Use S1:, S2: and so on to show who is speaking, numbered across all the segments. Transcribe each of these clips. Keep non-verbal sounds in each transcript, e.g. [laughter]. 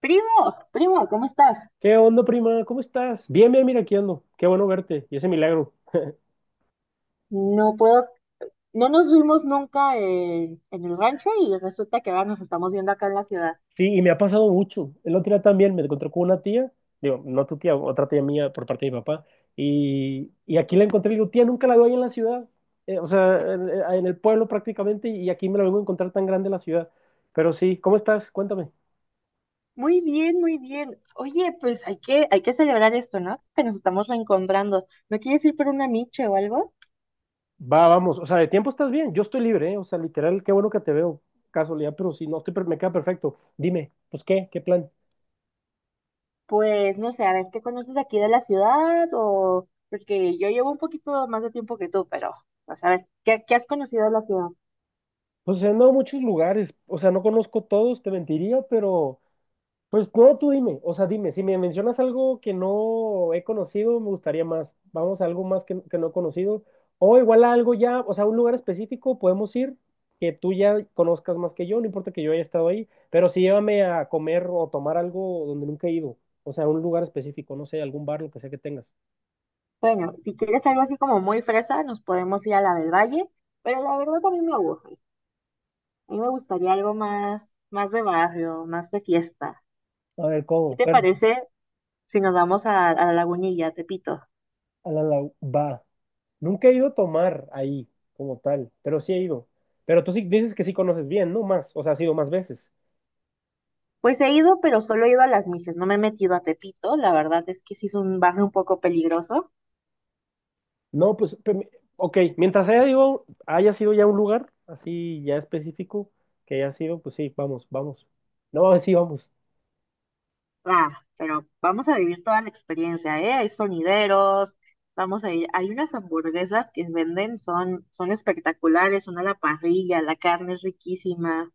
S1: Primo, primo, ¿cómo estás?
S2: ¿Qué onda, prima? ¿Cómo estás? Bien, bien, mira, aquí ando. Qué bueno verte. Y ese milagro.
S1: No puedo, no nos vimos nunca en el rancho y resulta que ahora nos estamos viendo acá en la ciudad.
S2: Sí, y me ha pasado mucho. El otro día también me encontré con una tía, digo, no tu tía, otra tía mía por parte de mi papá. Y aquí la encontré y digo, tía, nunca la veo ahí en la ciudad. O sea, en el pueblo prácticamente, y aquí me la vengo a encontrar tan grande en la ciudad. Pero sí, ¿cómo estás? Cuéntame.
S1: Muy bien, muy bien. Oye, pues hay que celebrar esto, ¿no? Que nos estamos reencontrando. ¿No quieres ir por una miche o algo?
S2: Va, vamos. O sea, de tiempo estás bien. Yo estoy libre, ¿eh? O sea, literal, qué bueno que te veo. Casualidad, pero si no, me queda perfecto. Dime, pues, ¿qué? ¿Qué plan?
S1: Pues no sé, a ver, ¿qué conoces de aquí de la ciudad? O porque yo llevo un poquito más de tiempo que tú, pero vas a ver, ¿qué has conocido de la ciudad?
S2: Pues he andado a muchos lugares, o sea, no conozco todos, te mentiría, pero pues no, tú dime, o sea, dime, si me mencionas algo que no he conocido, me gustaría más. Vamos a algo más que no he conocido, o igual a algo ya, o sea, un lugar específico podemos ir que tú ya conozcas más que yo, no importa que yo haya estado ahí, pero sí llévame a comer o tomar algo donde nunca he ido, o sea, un lugar específico, no sé, algún bar, lo que sea que tengas.
S1: Bueno, si quieres algo así como muy fresa, nos podemos ir a la del Valle, pero la verdad a mí me aburre. A mí me gustaría algo más, más de barrio, más de fiesta.
S2: A ver,
S1: ¿Qué
S2: ¿cómo?
S1: te
S2: Pero
S1: parece si nos vamos a la Lagunilla, a Tepito?
S2: Va. Nunca he ido a tomar ahí, como tal, pero sí he ido. Pero tú sí dices que sí conoces bien, ¿no? Más, o sea, has ido más veces.
S1: Pues he ido, pero solo he ido a Las Miches, no me he metido a Tepito. La verdad es que sí es un barrio un poco peligroso.
S2: No, pues, ok, mientras haya ido, haya sido ya un lugar así ya específico que haya sido, pues sí, vamos, vamos. No, [laughs] sí, vamos.
S1: Ah, pero vamos a vivir toda la experiencia, ¿eh? Hay sonideros, vamos a ir. Hay unas hamburguesas que venden, son espectaculares, son a la parrilla, la carne es riquísima.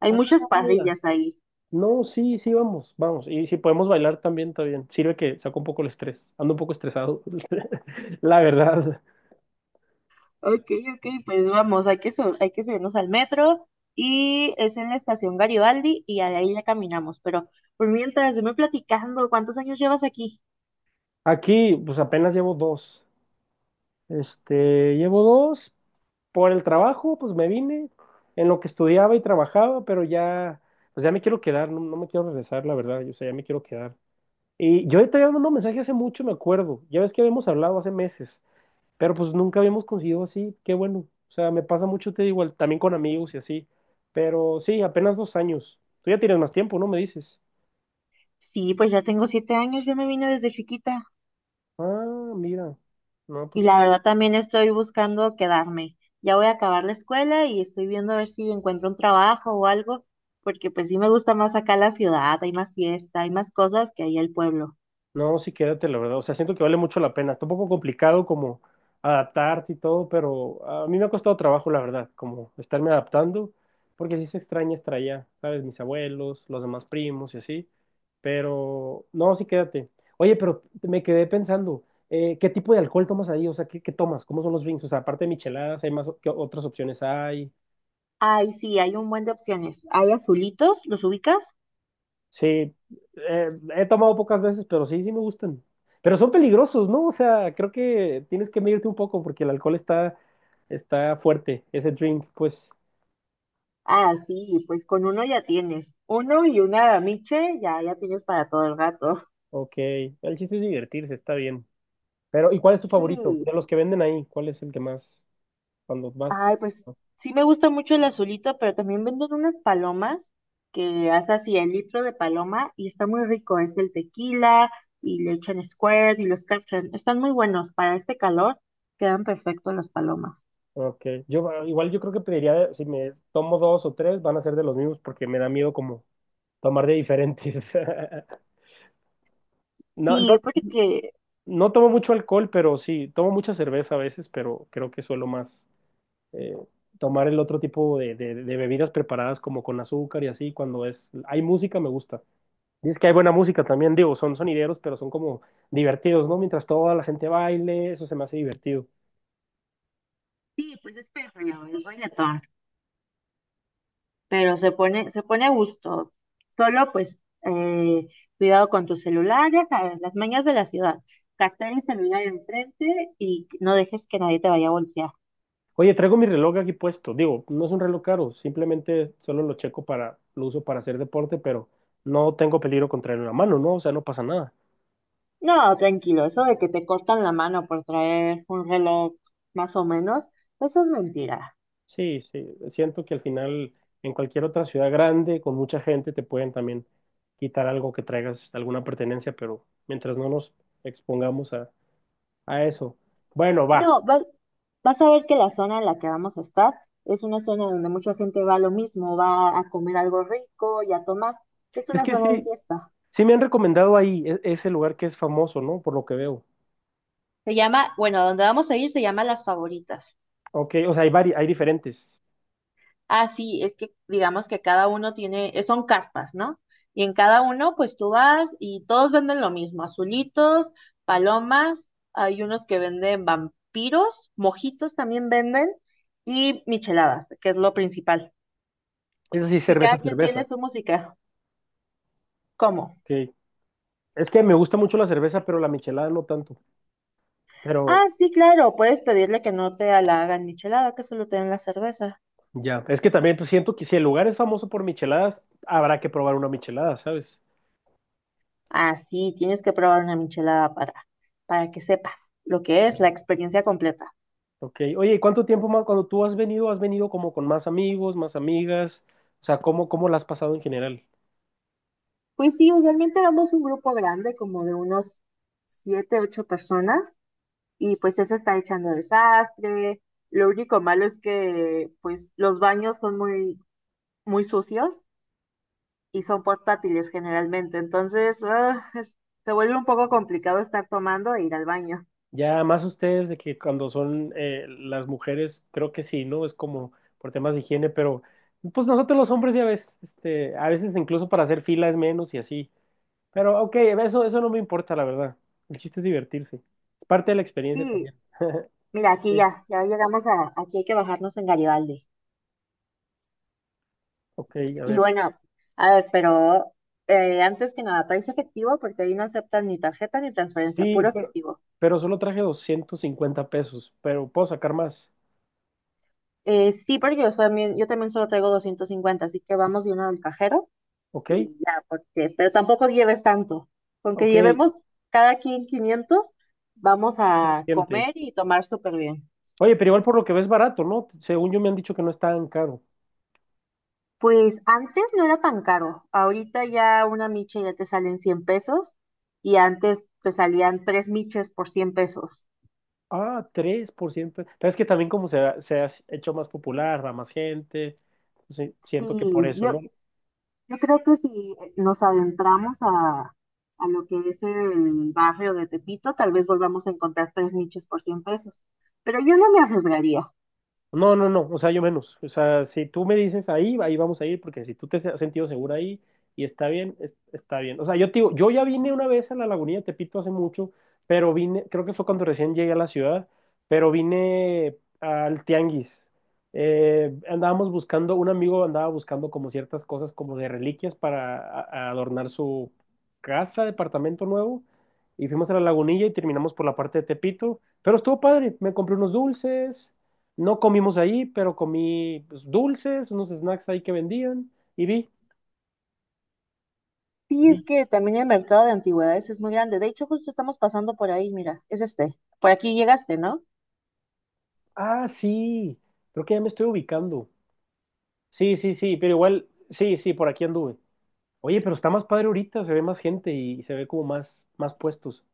S1: Hay muchas
S2: ¡Hala!
S1: parrillas ahí.
S2: No, sí, sí, vamos, vamos. Y si podemos bailar también, está bien. Sirve que saco un poco el estrés. Ando un poco estresado, [laughs] la verdad.
S1: Ok, ok, pues vamos, hay que subirnos al metro y es en la estación Garibaldi y de ahí ya caminamos. Pero por mientras, yo me platicando, ¿cuántos años llevas aquí?
S2: Aquí, pues apenas llevo dos. Este, llevo dos. Por el trabajo, pues me vine en lo que estudiaba y trabajaba, pero ya, pues ya me quiero quedar, no, no me quiero regresar, la verdad, yo, o sea, ya me quiero quedar. Y yo te había mandado un mensaje hace mucho, me acuerdo, ya ves que habíamos hablado hace meses, pero pues nunca habíamos conseguido así, qué bueno, o sea, me pasa mucho, te digo, también con amigos y así, pero sí, apenas dos años, tú ya tienes más tiempo, ¿no? Me dices,
S1: Sí, pues ya tengo 7 años, yo me vine desde chiquita
S2: ah, mira, no,
S1: y
S2: pues.
S1: la verdad también estoy buscando quedarme. Ya voy a acabar la escuela y estoy viendo a ver si encuentro un trabajo o algo, porque pues sí me gusta más acá la ciudad, hay más fiesta, hay más cosas que ahí el pueblo.
S2: No, sí, quédate, la verdad. O sea, siento que vale mucho la pena. Está un poco complicado como adaptarte y todo, pero a mí me ha costado trabajo, la verdad, como estarme adaptando, porque sí se extraña estar allá, ¿sabes? Mis abuelos, los demás primos y así. Pero, no, sí, quédate. Oye, pero me quedé pensando, ¿qué tipo de alcohol tomas ahí? O sea, ¿qué, qué tomas? ¿Cómo son los drinks? O sea, aparte de micheladas, ¿hay más, qué otras opciones hay?
S1: Ay, sí, hay un buen de opciones. Hay azulitos, ¿los ubicas?
S2: Sí, he tomado pocas veces, pero sí, sí me gustan. Pero son peligrosos, ¿no? O sea, creo que tienes que medirte un poco porque el alcohol está fuerte, ese drink, pues.
S1: Ah, sí, pues con uno ya tienes. Uno y una miche ya, ya tienes para todo el gato. [laughs]
S2: Ok, el chiste es divertirse, está bien. Pero, ¿y cuál es tu favorito?
S1: Sí.
S2: De los que venden ahí, ¿cuál es el que más, cuando más?
S1: Ay, pues sí me gusta mucho el azulito, pero también venden unas palomas que hasta así el litro de paloma y está muy rico. Es el tequila y le echan Squirt y los Captain. Están muy buenos. Para este calor quedan perfectos las palomas.
S2: Ok, yo igual yo creo que pediría, si me tomo dos o tres, van a ser de los mismos porque me da miedo como tomar de diferentes. [laughs] No, no.
S1: Sí, porque
S2: No tomo mucho alcohol, pero sí, tomo mucha cerveza a veces, pero creo que suelo más eh, tomar el otro tipo de bebidas preparadas como con azúcar y así, cuando es, hay música me gusta. Dices que hay buena música también, digo, son sonideros, pero son como divertidos, ¿no? Mientras toda la gente baile, eso se me hace divertido.
S1: sí, pues es perreo, es reggaetón. Pero se pone a gusto. Solo pues cuidado con tus celulares, ¿sabes? Las mañas de la ciudad. Captar el celular enfrente y no dejes que nadie te vaya a bolsear.
S2: Oye, traigo mi reloj aquí puesto, digo, no es un reloj caro, simplemente solo lo checo para, lo uso para hacer deporte, pero no tengo peligro contra la mano, ¿no? O sea, no pasa nada.
S1: No, tranquilo, eso de que te cortan la mano por traer un reloj más o menos, eso es mentira.
S2: Sí, sí, siento que al final en cualquier otra ciudad grande con mucha gente te pueden también quitar algo que traigas, alguna pertenencia, pero mientras no nos expongamos a eso. Bueno, va.
S1: No, vas a ver que la zona en la que vamos a estar es una zona donde mucha gente va a lo mismo, va a comer algo rico y a tomar. Es
S2: Es
S1: una
S2: que
S1: zona de
S2: sí,
S1: fiesta.
S2: sí me han recomendado ahí ese lugar que es famoso, ¿no? Por lo que veo.
S1: Se llama, bueno, donde vamos a ir se llama Las Favoritas.
S2: Ok, o sea, hay diferentes.
S1: Ah, sí, es que digamos que cada uno tiene, son carpas, ¿no? Y en cada uno, pues tú vas y todos venden lo mismo, azulitos, palomas, hay unos que venden vampiros, mojitos también venden y micheladas, que es lo principal.
S2: Es así,
S1: Y
S2: cerveza,
S1: cada quien
S2: cerveza.
S1: tiene su música. ¿Cómo?
S2: Ok. Es que me gusta mucho la cerveza, pero la michelada no tanto.
S1: Ah,
S2: Pero
S1: sí, claro, puedes pedirle que no te la hagan michelada, que solo te den la cerveza.
S2: ya, es que también pues, siento que si el lugar es famoso por micheladas, habrá que probar una michelada, ¿sabes?
S1: Ah, sí, tienes que probar una michelada para, que sepas lo que es la experiencia completa.
S2: Ok, oye, ¿y cuánto tiempo más cuando tú has venido? ¿Has venido como con más amigos, más amigas? O sea, ¿cómo, cómo la has pasado en general?
S1: Pues sí, usualmente vamos un grupo grande, como de unos siete, ocho personas, y pues eso está echando desastre. Lo único malo es que pues los baños son muy, muy sucios y son portátiles generalmente, entonces se vuelve un poco complicado estar tomando e ir al baño.
S2: Ya más ustedes de que cuando son las mujeres, creo que sí, ¿no? Es como por temas de higiene, pero pues nosotros los hombres ya ves, este, a veces incluso para hacer fila es menos y así. Pero ok, eso no me importa, la verdad. El chiste es divertirse. Es parte de la experiencia
S1: Sí,
S2: también. [laughs]
S1: mira, aquí
S2: Sí,
S1: ya, ya llegamos a, aquí hay que bajarnos en Garibaldi.
S2: ok, a
S1: Y
S2: ver.
S1: bueno, a ver, pero antes que nada, ¿traes efectivo? Porque ahí no aceptan ni tarjeta ni transferencia,
S2: Sí,
S1: puro
S2: pero,
S1: efectivo.
S2: pero solo traje 250 pesos, pero puedo sacar más,
S1: Sí, porque yo también solo traigo 250, así que vamos de uno al cajero
S2: ¿ok?
S1: y ya, porque, pero tampoco lleves tanto. Con que
S2: Ok,
S1: llevemos cada quien 500, vamos a
S2: gente.
S1: comer y tomar súper bien.
S2: Oye, pero igual por lo que ves barato, ¿no? Según yo me han dicho que no es tan caro.
S1: Pues antes no era tan caro. Ahorita ya una micha ya te salen 100 pesos y antes te salían 3 miches por 100 pesos.
S2: Ah, 3%. Pero es que también como se ha hecho más popular, va más gente. Sí,
S1: Sí,
S2: siento que por eso,
S1: yo,
S2: ¿no?
S1: Yo creo que si nos adentramos a lo que es el barrio de Tepito, tal vez volvamos a encontrar 3 nichos por 100 pesos. Pero yo no me arriesgaría.
S2: No, no, no, o sea, yo menos. O sea, si tú me dices ahí, ahí vamos a ir, porque si tú te has sentido segura ahí y está bien, está bien. O sea, yo te digo, yo ya vine una vez a la Lagunilla de Tepito hace mucho, pero vine, creo que fue cuando recién llegué a la ciudad, pero vine al Tianguis. Andábamos buscando, un amigo andaba buscando como ciertas cosas como de reliquias para a adornar su casa, departamento nuevo, y fuimos a la Lagunilla y terminamos por la parte de Tepito, pero estuvo padre, me compré unos dulces. No comimos ahí, pero comí pues, dulces, unos snacks ahí que vendían y vi,
S1: Sí, es
S2: vi.
S1: que también el mercado de antigüedades es muy grande. De hecho, justo estamos pasando por ahí, mira, es este. Por aquí llegaste, ¿no?
S2: Ah, sí, creo que ya me estoy ubicando. Sí, sí, sí, pero igual, sí, sí, por aquí anduve. Oye, pero está más padre ahorita, se ve más gente y se ve como más, más puestos.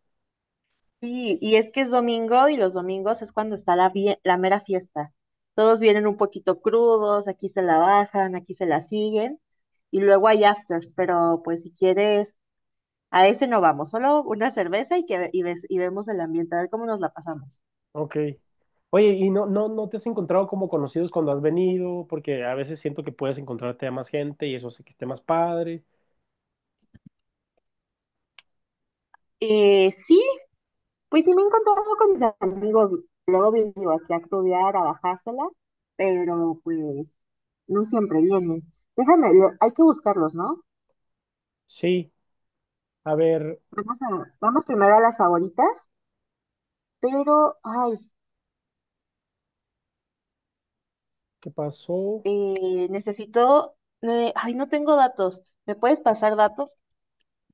S1: Sí, y es que es domingo y los domingos es cuando está la, la mera fiesta. Todos vienen un poquito crudos, aquí se la bajan, aquí se la siguen y luego hay afters, pero pues si quieres A ese no vamos, solo una cerveza y, que, y, y vemos el ambiente, a ver cómo nos la pasamos.
S2: Ok. Oye, ¿y no, no, no te has encontrado como conocidos cuando has venido? Porque a veces siento que puedes encontrarte a más gente y eso hace que esté más padre.
S1: Sí, pues sí me he encontrado con mis amigos. Luego vengo aquí a estudiar, a bajársela, pero pues no siempre vienen. Déjame, hay que buscarlos, ¿no?
S2: Sí, a ver,
S1: Vamos a, vamos primero a las favoritas, pero, ay,
S2: ¿qué pasó?
S1: Necesito, ay, no tengo datos. ¿Me puedes pasar datos?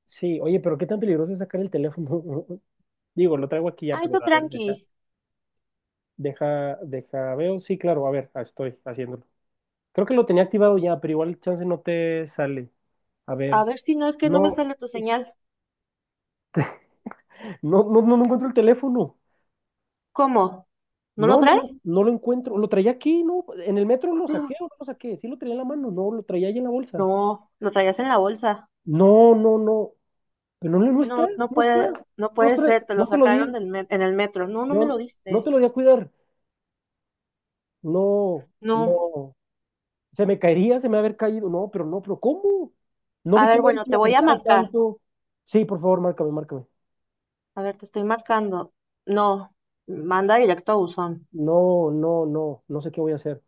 S2: Sí, oye, pero qué tan peligroso es sacar el teléfono. [laughs] Digo, lo traigo aquí ya,
S1: Ay,
S2: pero
S1: tú
S2: a ver,
S1: tranqui.
S2: deja, deja, deja, veo. Sí, claro, a ver, estoy haciéndolo. Creo que lo tenía activado ya, pero igual chance no te sale. A
S1: A
S2: ver,
S1: ver si no es que no me
S2: no,
S1: sale tu
S2: es-
S1: señal.
S2: no, no, no, no encuentro el teléfono.
S1: ¿Cómo? ¿No lo
S2: No, no,
S1: trae?
S2: no, no lo encuentro. Lo traía aquí, ¿no? En el metro lo saqué o
S1: [gasps]
S2: no lo saqué. Sí lo traía en la mano, no, lo traía ahí en la bolsa.
S1: No, lo traías en la bolsa.
S2: No, no, no. Pero no, no está,
S1: No, no
S2: no está.
S1: puede,
S2: No,
S1: no puede ser, te lo
S2: no te lo
S1: sacaron
S2: di.
S1: del en el metro. No, no me lo
S2: No, no te
S1: diste.
S2: lo di a cuidar. No,
S1: No.
S2: no. Se me caería, se me va a haber caído. No, pero no, pero ¿cómo? No
S1: A
S2: vi que
S1: ver,
S2: nadie
S1: bueno,
S2: se me
S1: te voy a
S2: acercara
S1: marcar.
S2: tanto. Sí, por favor, márcame, márcame.
S1: A ver, te estoy marcando. No, manda directo a buzón.
S2: No, no, no, no sé qué voy a hacer.